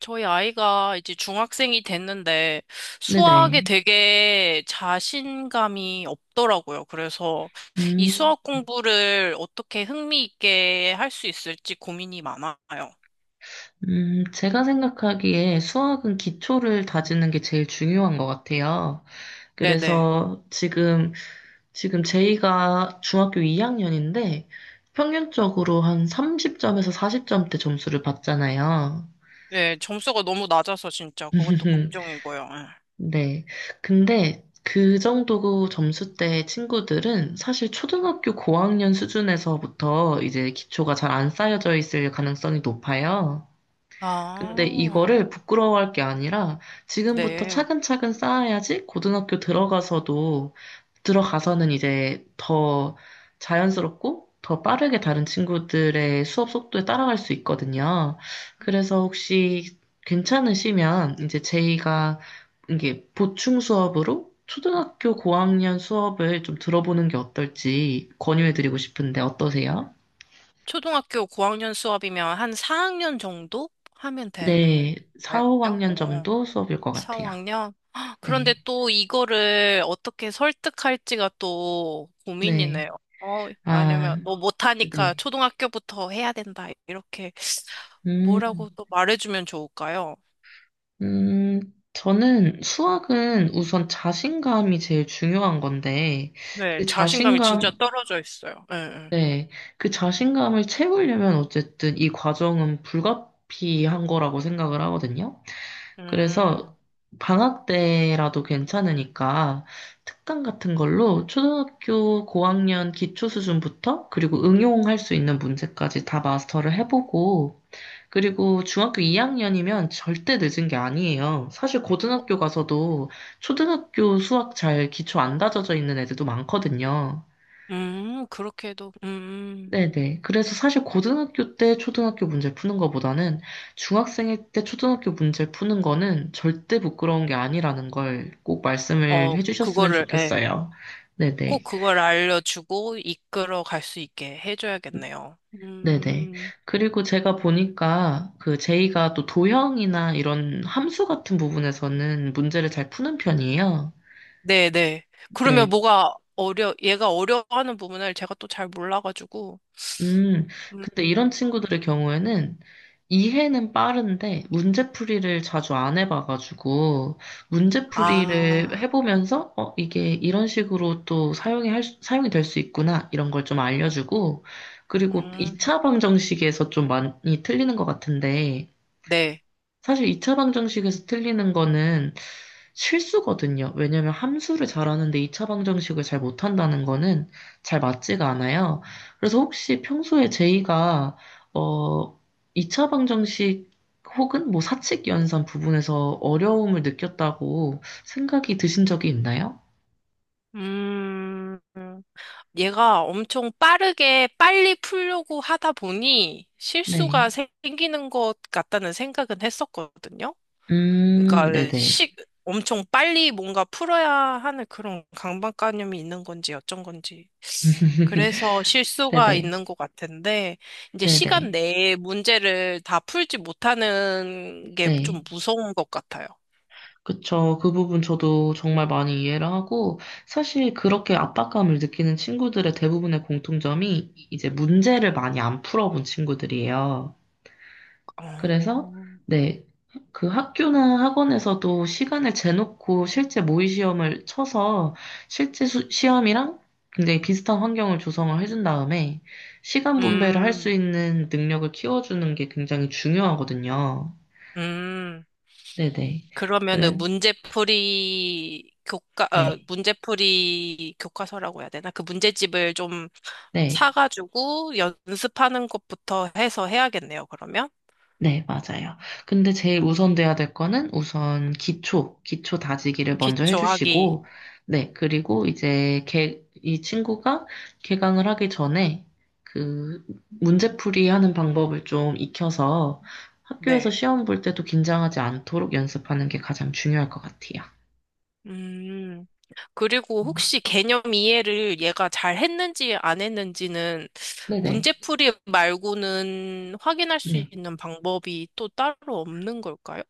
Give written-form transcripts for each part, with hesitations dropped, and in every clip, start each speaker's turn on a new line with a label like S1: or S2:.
S1: 저희 아이가 이제 중학생이 됐는데 수학에
S2: 네네.
S1: 되게 자신감이 없더라고요. 그래서 이
S2: 음,
S1: 수학 공부를 어떻게 흥미 있게 할 수 있을지 고민이 많아요.
S2: 제가 생각하기에 수학은 기초를 다지는 게 제일 중요한 것 같아요.
S1: 네네.
S2: 그래서 지금 제이가 중학교 2학년인데 평균적으로 한 30점에서 40점대 점수를 받잖아요.
S1: 네, 점수가 너무 낮아서 진짜 그것도 걱정이고요. 예.
S2: 네. 근데 그 정도 점수대 친구들은 사실 초등학교 고학년 수준에서부터 이제 기초가 잘 안 쌓여져 있을 가능성이 높아요. 근데
S1: 아,
S2: 이거를 부끄러워할 게 아니라 지금부터
S1: 네.
S2: 차근차근 쌓아야지 고등학교 들어가서도 들어가서는 이제 더 자연스럽고 더 빠르게 다른 친구들의 수업 속도에 따라갈 수 있거든요. 그래서 혹시 괜찮으시면 이제 제이가 이게 보충 수업으로 초등학교 고학년 수업을 좀 들어보는 게 어떨지 권유해드리고 싶은데 어떠세요?
S1: 초등학교 고학년 수업이면 한 4학년 정도 하면 되는
S2: 네, 4,
S1: 거예요?
S2: 5학년
S1: 어.
S2: 정도 수업일 것 같아요.
S1: 4학년? 그런데
S2: 네.
S1: 또 이거를 어떻게 설득할지가 또 고민이네요.
S2: 네.
S1: 왜냐면
S2: 아,
S1: 너 못하니까
S2: 네.
S1: 초등학교부터 해야 된다. 이렇게
S2: 음,
S1: 뭐라고 또 말해주면 좋을까요?
S2: 음, 저는 수학은 우선 자신감이 제일 중요한 건데,
S1: 네,
S2: 그
S1: 자신감이 진짜
S2: 자신감,
S1: 떨어져 있어요. 예, 예.
S2: 네. 그 자신감을 채우려면 어쨌든 이 과정은 불가피한 거라고 생각을 하거든요.
S1: 음,
S2: 그래서 방학 때라도 괜찮으니까 특강 같은 걸로 초등학교 고학년 기초 수준부터 그리고 응용할 수 있는 문제까지 다 마스터를 해보고, 그리고 중학교 2학년이면 절대 늦은 게 아니에요. 사실 고등학교 가서도 초등학교 수학 잘 기초 안 다져져 있는 애들도 많거든요.
S1: 그렇게 해도,
S2: 네네. 그래서 사실 고등학교 때 초등학교 문제 푸는 거보다는 중학생일 때 초등학교 문제 푸는 거는 절대 부끄러운 게 아니라는 걸 꼭 말씀을
S1: 어,
S2: 해주셨으면
S1: 그거를, 예,
S2: 좋겠어요.
S1: 꼭
S2: 네네.
S1: 그걸 알려주고 이끌어 갈 수 있게 해줘야겠네요.
S2: 네네.
S1: 음.
S2: 그리고 제가 보니까 그 제이가 또 도형이나 이런 함수 같은 부분에서는 문제를 잘 푸는 편이에요.
S1: 네네. 그러면
S2: 네.
S1: 얘가 어려워하는 부분을 제가 또 잘 몰라가지고.
S2: 음,
S1: 음.
S2: 근데 이런 친구들의 경우에는 이해는 빠른데 문제풀이를 자주 안 해봐가지고 문제풀이를
S1: 아.
S2: 해보면서 어, 이게 이런 식으로 또 사용이 될 수 있구나 이런 걸 좀 알려주고 그리고
S1: 음.
S2: 2차 방정식에서 좀 많이 틀리는 것 같은데
S1: 네.
S2: 사실 2차 방정식에서 틀리는 거는 실수거든요. 왜냐면 함수를 잘하는데 2차 방정식을 잘 못한다는 거는 잘 맞지가 않아요. 그래서 혹시 평소에 제이가 어 2차 방정식 혹은 뭐 사칙 연산 부분에서 어려움을 느꼈다고 생각이 드신 적이 있나요?
S1: 음, 얘가 엄청 빠르게 빨리 풀려고 하다 보니
S2: 네.
S1: 생기는 것 같다는 생각은 했었거든요. 그러니까
S2: 네네.
S1: 시, 엄청 빨리 뭔가 풀어야 하는 그런 강박관념이 있는 건지 어쩐 건지. 그래서 실수가
S2: 네네.
S1: 있는 것 같은데, 이제 시간
S2: 네네.
S1: 내에 문제를 다 풀지 못하는 게 좀
S2: 네.
S1: 무서운 것 같아요.
S2: 그쵸. 그 부분 저도 정말 많이 이해를 하고, 사실 그렇게 압박감을 느끼는 친구들의 대부분의 공통점이 이제 문제를 많이 안 풀어본 친구들이에요. 그래서,
S1: 어.
S2: 네. 그 학교나 학원에서도 시간을 재놓고 실제 모의 시험을 쳐서 시험이랑 굉장히 비슷한 환경을 조성을 해준 다음에 시간 분배를 할 수
S1: 음.
S2: 있는 능력을 키워주는 게 굉장히 중요하거든요.
S1: 음.
S2: 네네.
S1: 그러면은
S2: 그래, 네.
S1: 문제풀이 교과서라고 해야 되나? 그 문제집을 좀
S2: 네.
S1: 사가지고 연습하는 것부터 해서 해야겠네요, 그러면.
S2: 네, 맞아요. 근데 제일 우선돼야 될 거는 우선 기초, 기초 다지기를 먼저
S1: 기초하기.
S2: 해주시고, 네, 그리고 이제 이 친구가 개강을 하기 전에 그 문제풀이 하는 방법을 좀 익혀서 학교에서
S1: 네.
S2: 시험 볼 때도 긴장하지 않도록 연습하는 게 가장 중요할 것 같아요.
S1: 음, 그리고 혹시 개념 이해를 얘가 잘 했는지 안 했는지는
S2: 네네. 네.
S1: 문제풀이 말고는 확인할 수
S2: 네.
S1: 있는 방법이 또 따로 없는 걸까요?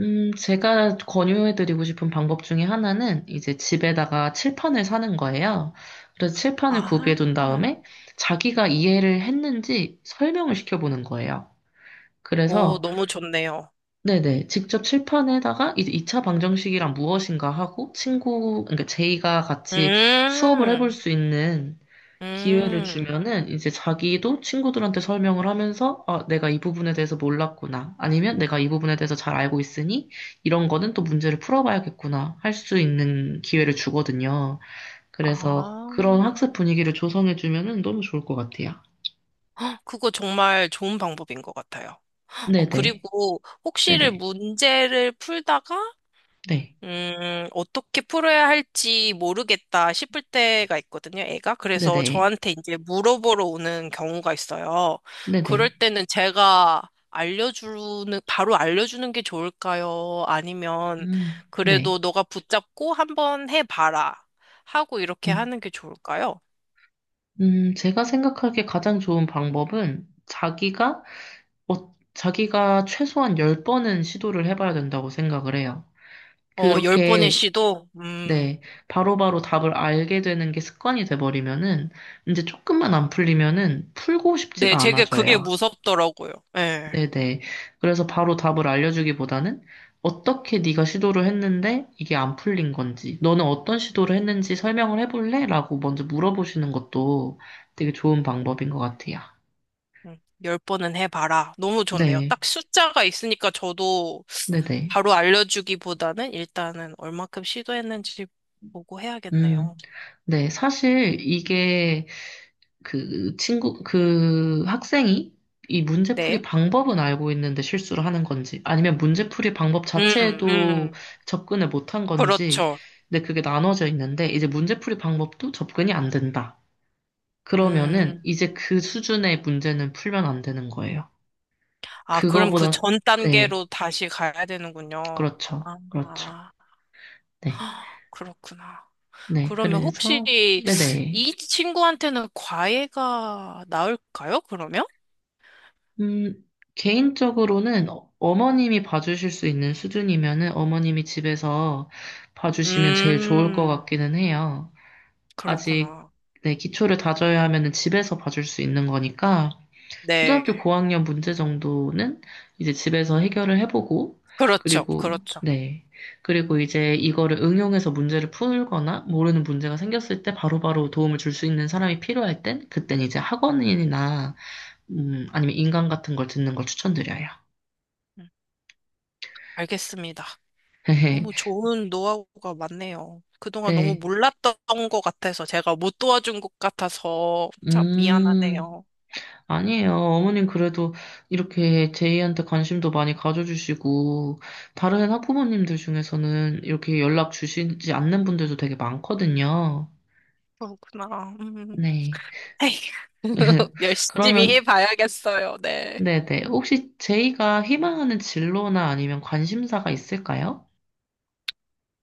S2: 제가 권유해드리고 싶은 방법 중에 하나는 이제 집에다가 칠판을 사는 거예요. 그래서 칠판을
S1: 아.
S2: 구비해둔 다음에 자기가 이해를 했는지 설명을 시켜보는 거예요.
S1: 오,
S2: 그래서,
S1: 너무 좋네요.
S2: 네네, 직접 칠판에다가 이제 2차 방정식이란 무엇인가 하고 친구, 그러니까 제이가 같이 수업을 해볼
S1: 음,
S2: 수 있는 기회를
S1: 음,
S2: 주면은 이제 자기도 친구들한테 설명을 하면서 아, 내가 이 부분에 대해서 몰랐구나. 아니면 내가 이 부분에 대해서 잘 알고 있으니 이런 거는 또 문제를 풀어봐야겠구나. 할 수 있는 기회를 주거든요. 그래서
S1: 아,
S2: 그런 학습 분위기를 조성해 주면은 너무 좋을 것 같아요.
S1: 그거 정말 좋은 방법인 것 같아요. 어,
S2: 네네.
S1: 그리고 혹시를
S2: 네네.
S1: 문제를 풀다가
S2: 네.
S1: 어떻게 풀어야 할지 모르겠다 싶을 때가 있거든요, 애가. 그래서
S2: 네네.
S1: 저한테 이제 물어보러 오는 경우가 있어요. 그럴
S2: 네네.
S1: 때는 제가 바로 알려주는 게 좋을까요? 아니면 그래도
S2: 네.
S1: 너가 붙잡고 한번 해봐라. 하고 이렇게
S2: 음,
S1: 하는 게 좋을까요?
S2: 제가 생각하기에 가장 좋은 방법은 자기가, 자기가 최소한 10번은 시도를 해봐야 된다고 생각을 해요.
S1: 어, 열 번의
S2: 그렇게,
S1: 시도? 음.
S2: 네, 바로바로 답을 알게 되는 게 습관이 돼버리면은, 이제 조금만 안 풀리면은 풀고
S1: 네,
S2: 싶지가
S1: 제게 그게
S2: 않아져요.
S1: 무섭더라고요. 예.
S2: 네네. 그래서 바로 답을 알려주기보다는 어떻게 네가 시도를 했는데 이게 안 풀린 건지, 너는 어떤 시도를 했는지 설명을 해볼래? 라고 먼저 물어보시는 것도 되게 좋은 방법인 것 같아요.
S1: 음, 열 번은 해봐라. 너무 좋네요.
S2: 네,
S1: 딱 숫자가 있으니까 저도
S2: 네네.
S1: 바로 알려주기보다는 일단은 얼마큼 시도했는지 보고
S2: 음,
S1: 해야겠네요.
S2: 네. 사실 이게 그 학생이 이 문제풀이
S1: 네.
S2: 방법은 알고 있는데 실수를 하는 건지, 아니면 문제풀이 방법
S1: 음.
S2: 자체에도
S1: 음.
S2: 접근을 못한 건지,
S1: 그렇죠.
S2: 근데 그게 나눠져 있는데, 이제 문제풀이 방법도 접근이 안 된다. 그러면은
S1: 음.
S2: 이제 그 수준의 문제는 풀면 안 되는 거예요.
S1: 아, 그럼 그
S2: 그거보다,
S1: 전
S2: 네,
S1: 단계로 다시 가야 되는군요.
S2: 그렇죠.
S1: 아.
S2: 그렇죠.
S1: 아.
S2: 네.
S1: 그렇구나.
S2: 네,
S1: 그러면 혹시
S2: 그래서, 네네.
S1: 이 친구한테는 과외가 나을까요? 그러면?
S2: 음, 개인적으로는 어머님이 봐주실 수 있는 수준이면은 어머님이 집에서 봐주시면 제일 좋을 것
S1: 음.
S2: 같기는 해요. 아직
S1: 그렇구나.
S2: 네, 기초를 다져야 하면은 집에서 봐줄 수 있는 거니까 초등학교
S1: 네.
S2: 고학년 문제 정도는 이제 집에서 해결을 해보고
S1: 그렇죠.
S2: 그리고
S1: 그렇죠.
S2: 네. 그리고 이제 이거를 응용해서 문제를 풀거나 모르는 문제가 생겼을 때 바로바로 도움을 줄 수 있는 사람이 필요할 땐 그땐 이제 학원이나 아니면 인강 같은 걸 듣는 걸 추천드려요.
S1: 알겠습니다. 너무 좋은 노하우가 많네요. 그동안 너무
S2: 네.
S1: 몰랐던 것 같아서 제가 못 도와준 것 같아서 참
S2: 음,
S1: 미안하네요.
S2: 아니에요. 어머님 그래도 이렇게 제이한테 관심도 많이 가져주시고, 다른 학부모님들 중에서는 이렇게 연락 주시지 않는 분들도 되게 많거든요.
S1: 그렇구나. 음.
S2: 네.
S1: 에이, 열심히
S2: 그러면,
S1: 해봐야겠어요. 네.
S2: 네네. 혹시 제이가 희망하는 진로나 아니면 관심사가 있을까요?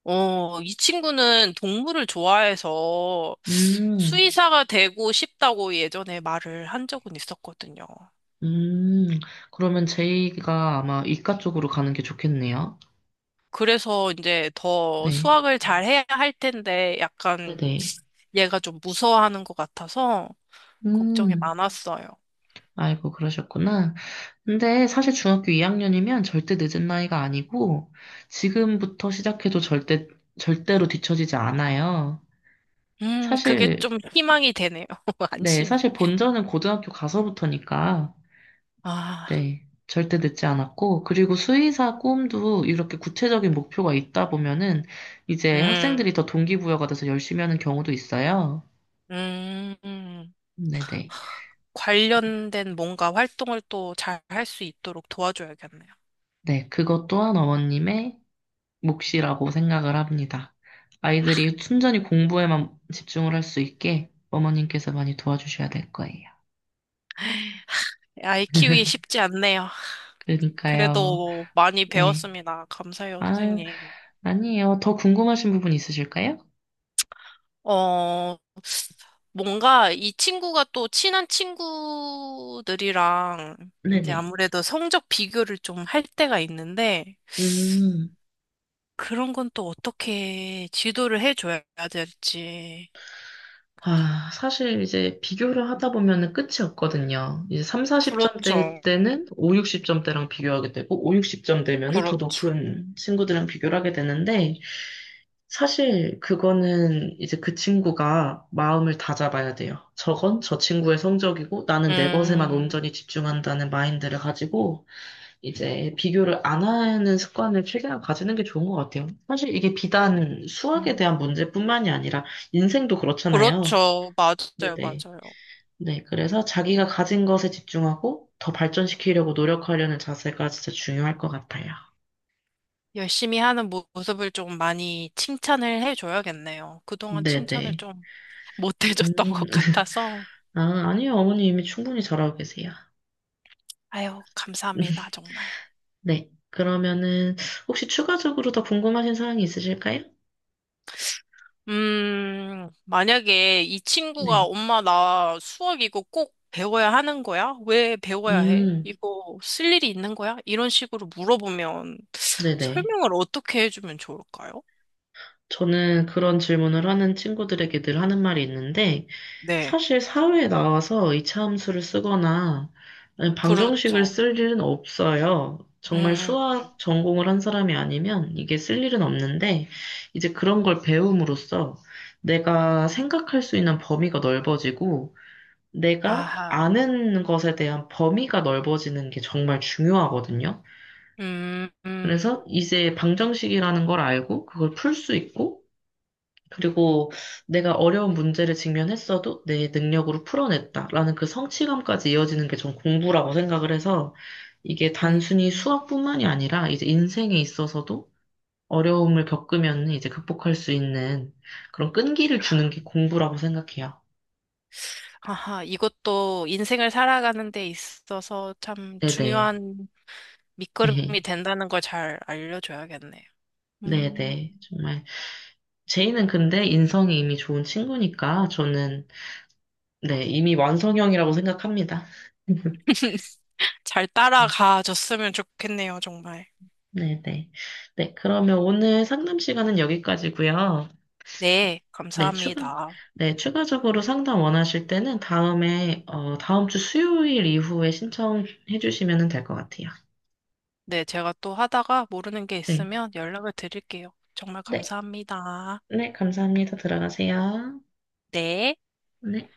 S1: 어, 이 친구는 동물을 좋아해서
S2: 음,
S1: 수의사가 되고 싶다고 예전에 말을 한 적은 있었거든요.
S2: 음. 그러면 제이가 아마 이과 쪽으로 가는 게 좋겠네요.
S1: 그래서 이제 더
S2: 네.
S1: 수학을 잘 해야 할 텐데 약간
S2: 네네.
S1: 얘가 좀 무서워하는 것 같아서 걱정이
S2: 음,
S1: 많았어요.
S2: 아이고, 그러셨구나. 근데 사실 중학교 2학년이면 절대 늦은 나이가 아니고, 지금부터 시작해도 절대, 절대로 뒤처지지 않아요.
S1: 그게
S2: 사실,
S1: 좀 희망이 되네요.
S2: 네,
S1: 안심이.
S2: 사실 본전은 고등학교 가서부터니까,
S1: 아.
S2: 네, 절대 늦지 않았고, 그리고 수의사 꿈도 이렇게 구체적인 목표가 있다 보면은, 이제
S1: 음.
S2: 학생들이 더 동기부여가 돼서 열심히 하는 경우도 있어요.
S1: 음. 음.
S2: 네네. 네,
S1: 하, 관련된 뭔가 활동을 또 잘 할 수 있도록 도와줘야겠네요.
S2: 네, 그것 또한 어머님의 몫이라고 생각을 합니다. 아이들이 순전히 공부에만 집중을 할 수 있게 어머님께서 많이 도와주셔야 될 거예요.
S1: 아이 키우기 쉽지 않네요.
S2: 그러니까요.
S1: 그래도 많이
S2: 네.
S1: 배웠습니다. 감사해요,
S2: 아,
S1: 선생님.
S2: 아니에요. 더 궁금하신 부분 있으실까요?
S1: 어, 뭔가 이 친구가 또 친한 친구들이랑 이제
S2: 네네.
S1: 아무래도 성적 비교를 좀 할 때가 있는데
S2: 음.
S1: 그런 건 또 어떻게 지도를 해줘야 될지.
S2: 아, 사실 이제 비교를 하다 보면은 끝이 없거든요. 이제 3, 40점대일
S1: 그렇죠.
S2: 때는 5, 60점대랑 비교하게 되고, 5, 60점대면은 더
S1: 그렇죠.
S2: 높은 친구들이랑 비교를 하게 되는데, 사실 그거는 이제 그 친구가 마음을 다잡아야 돼요. 저건 저 친구의 성적이고, 나는 내 것에만
S1: 음.
S2: 온전히 집중한다는 마인드를 가지고, 이제 비교를 안 하는 습관을 최대한 가지는 게 좋은 것 같아요. 사실 이게 비단 수학에
S1: 음.
S2: 대한 문제뿐만이 아니라, 인생도 그렇잖아요.
S1: 그렇죠. 맞아요.
S2: 네네.
S1: 맞아요.
S2: 네, 그래서 자기가 가진 것에 집중하고 더 발전시키려고 노력하려는 자세가 진짜 중요할 것 같아요.
S1: 모습을 좀 많이 칭찬을 해줘야겠네요. 그동안 칭찬을
S2: 네네.
S1: 좀 못 해줬던
S2: 음,
S1: 것 같아서.
S2: 아, 아니요, 어머니 이미 충분히 잘하고 계세요.
S1: 아유, 감사합니다, 정말.
S2: 네. 그러면은, 혹시 추가적으로 더 궁금하신 사항이 있으실까요?
S1: 만약에 이 친구가
S2: 네.
S1: 엄마 나 수학 이거 꼭 배워야 하는 거야? 왜 배워야 해?
S2: 음,
S1: 이거 쓸 일이 있는 거야? 이런 식으로 물어보면
S2: 네네.
S1: 설명을 어떻게 해주면 좋을까요?
S2: 저는 그런 질문을 하는 친구들에게 늘 하는 말이 있는데,
S1: 네,
S2: 사실 사회에 나와서 이차함수를 쓰거나 아니면 방정식을
S1: 그렇죠.
S2: 쓸 일은 없어요.
S1: 음.
S2: 정말
S1: 음. 음.
S2: 수학 전공을 한 사람이 아니면 이게 쓸 일은 없는데, 이제 그런 걸 배움으로써 내가 생각할 수 있는 범위가 넓어지고, 내가
S1: 아하.
S2: 아는 것에 대한 범위가 넓어지는 게 정말 중요하거든요.
S1: 음. 음.
S2: 그래서 이제 방정식이라는 걸 알고 그걸 풀 수 있고, 그리고 내가 어려운 문제를 직면했어도 내 능력으로 풀어냈다라는 그 성취감까지 이어지는 게 전 공부라고 생각을 해서 이게 단순히
S1: 음.
S2: 수학뿐만이 아니라 이제 인생에 있어서도 어려움을 겪으면 이제 극복할 수 있는 그런 끈기를 주는 게 공부라고 생각해요.
S1: 아하, 이것도 인생을 살아가는 데 있어서 참
S2: 네네.
S1: 중요한 밑거름이 된다는 걸 잘 알려줘야겠네요. 음.
S2: 네네. 정말. 제이는 근데 인성이 이미 좋은 친구니까 저는 네, 이미 완성형이라고 생각합니다.
S1: 잘 따라가 줬으면 좋겠네요, 정말.
S2: 네네. 네, 그러면 오늘 상담 시간은 여기까지고요.
S1: 네,
S2: 네,
S1: 감사합니다.
S2: 네, 추가적으로 상담 원하실 때는 다음에, 다음 주 수요일 이후에 신청해 주시면 될 것 같아요.
S1: 네, 제가 또 하다가 모르는 게
S2: 네.
S1: 있으면 연락을 드릴게요. 정말
S2: 네,
S1: 감사합니다.
S2: 네, 감사합니다. 들어가세요.
S1: 네.
S2: 네.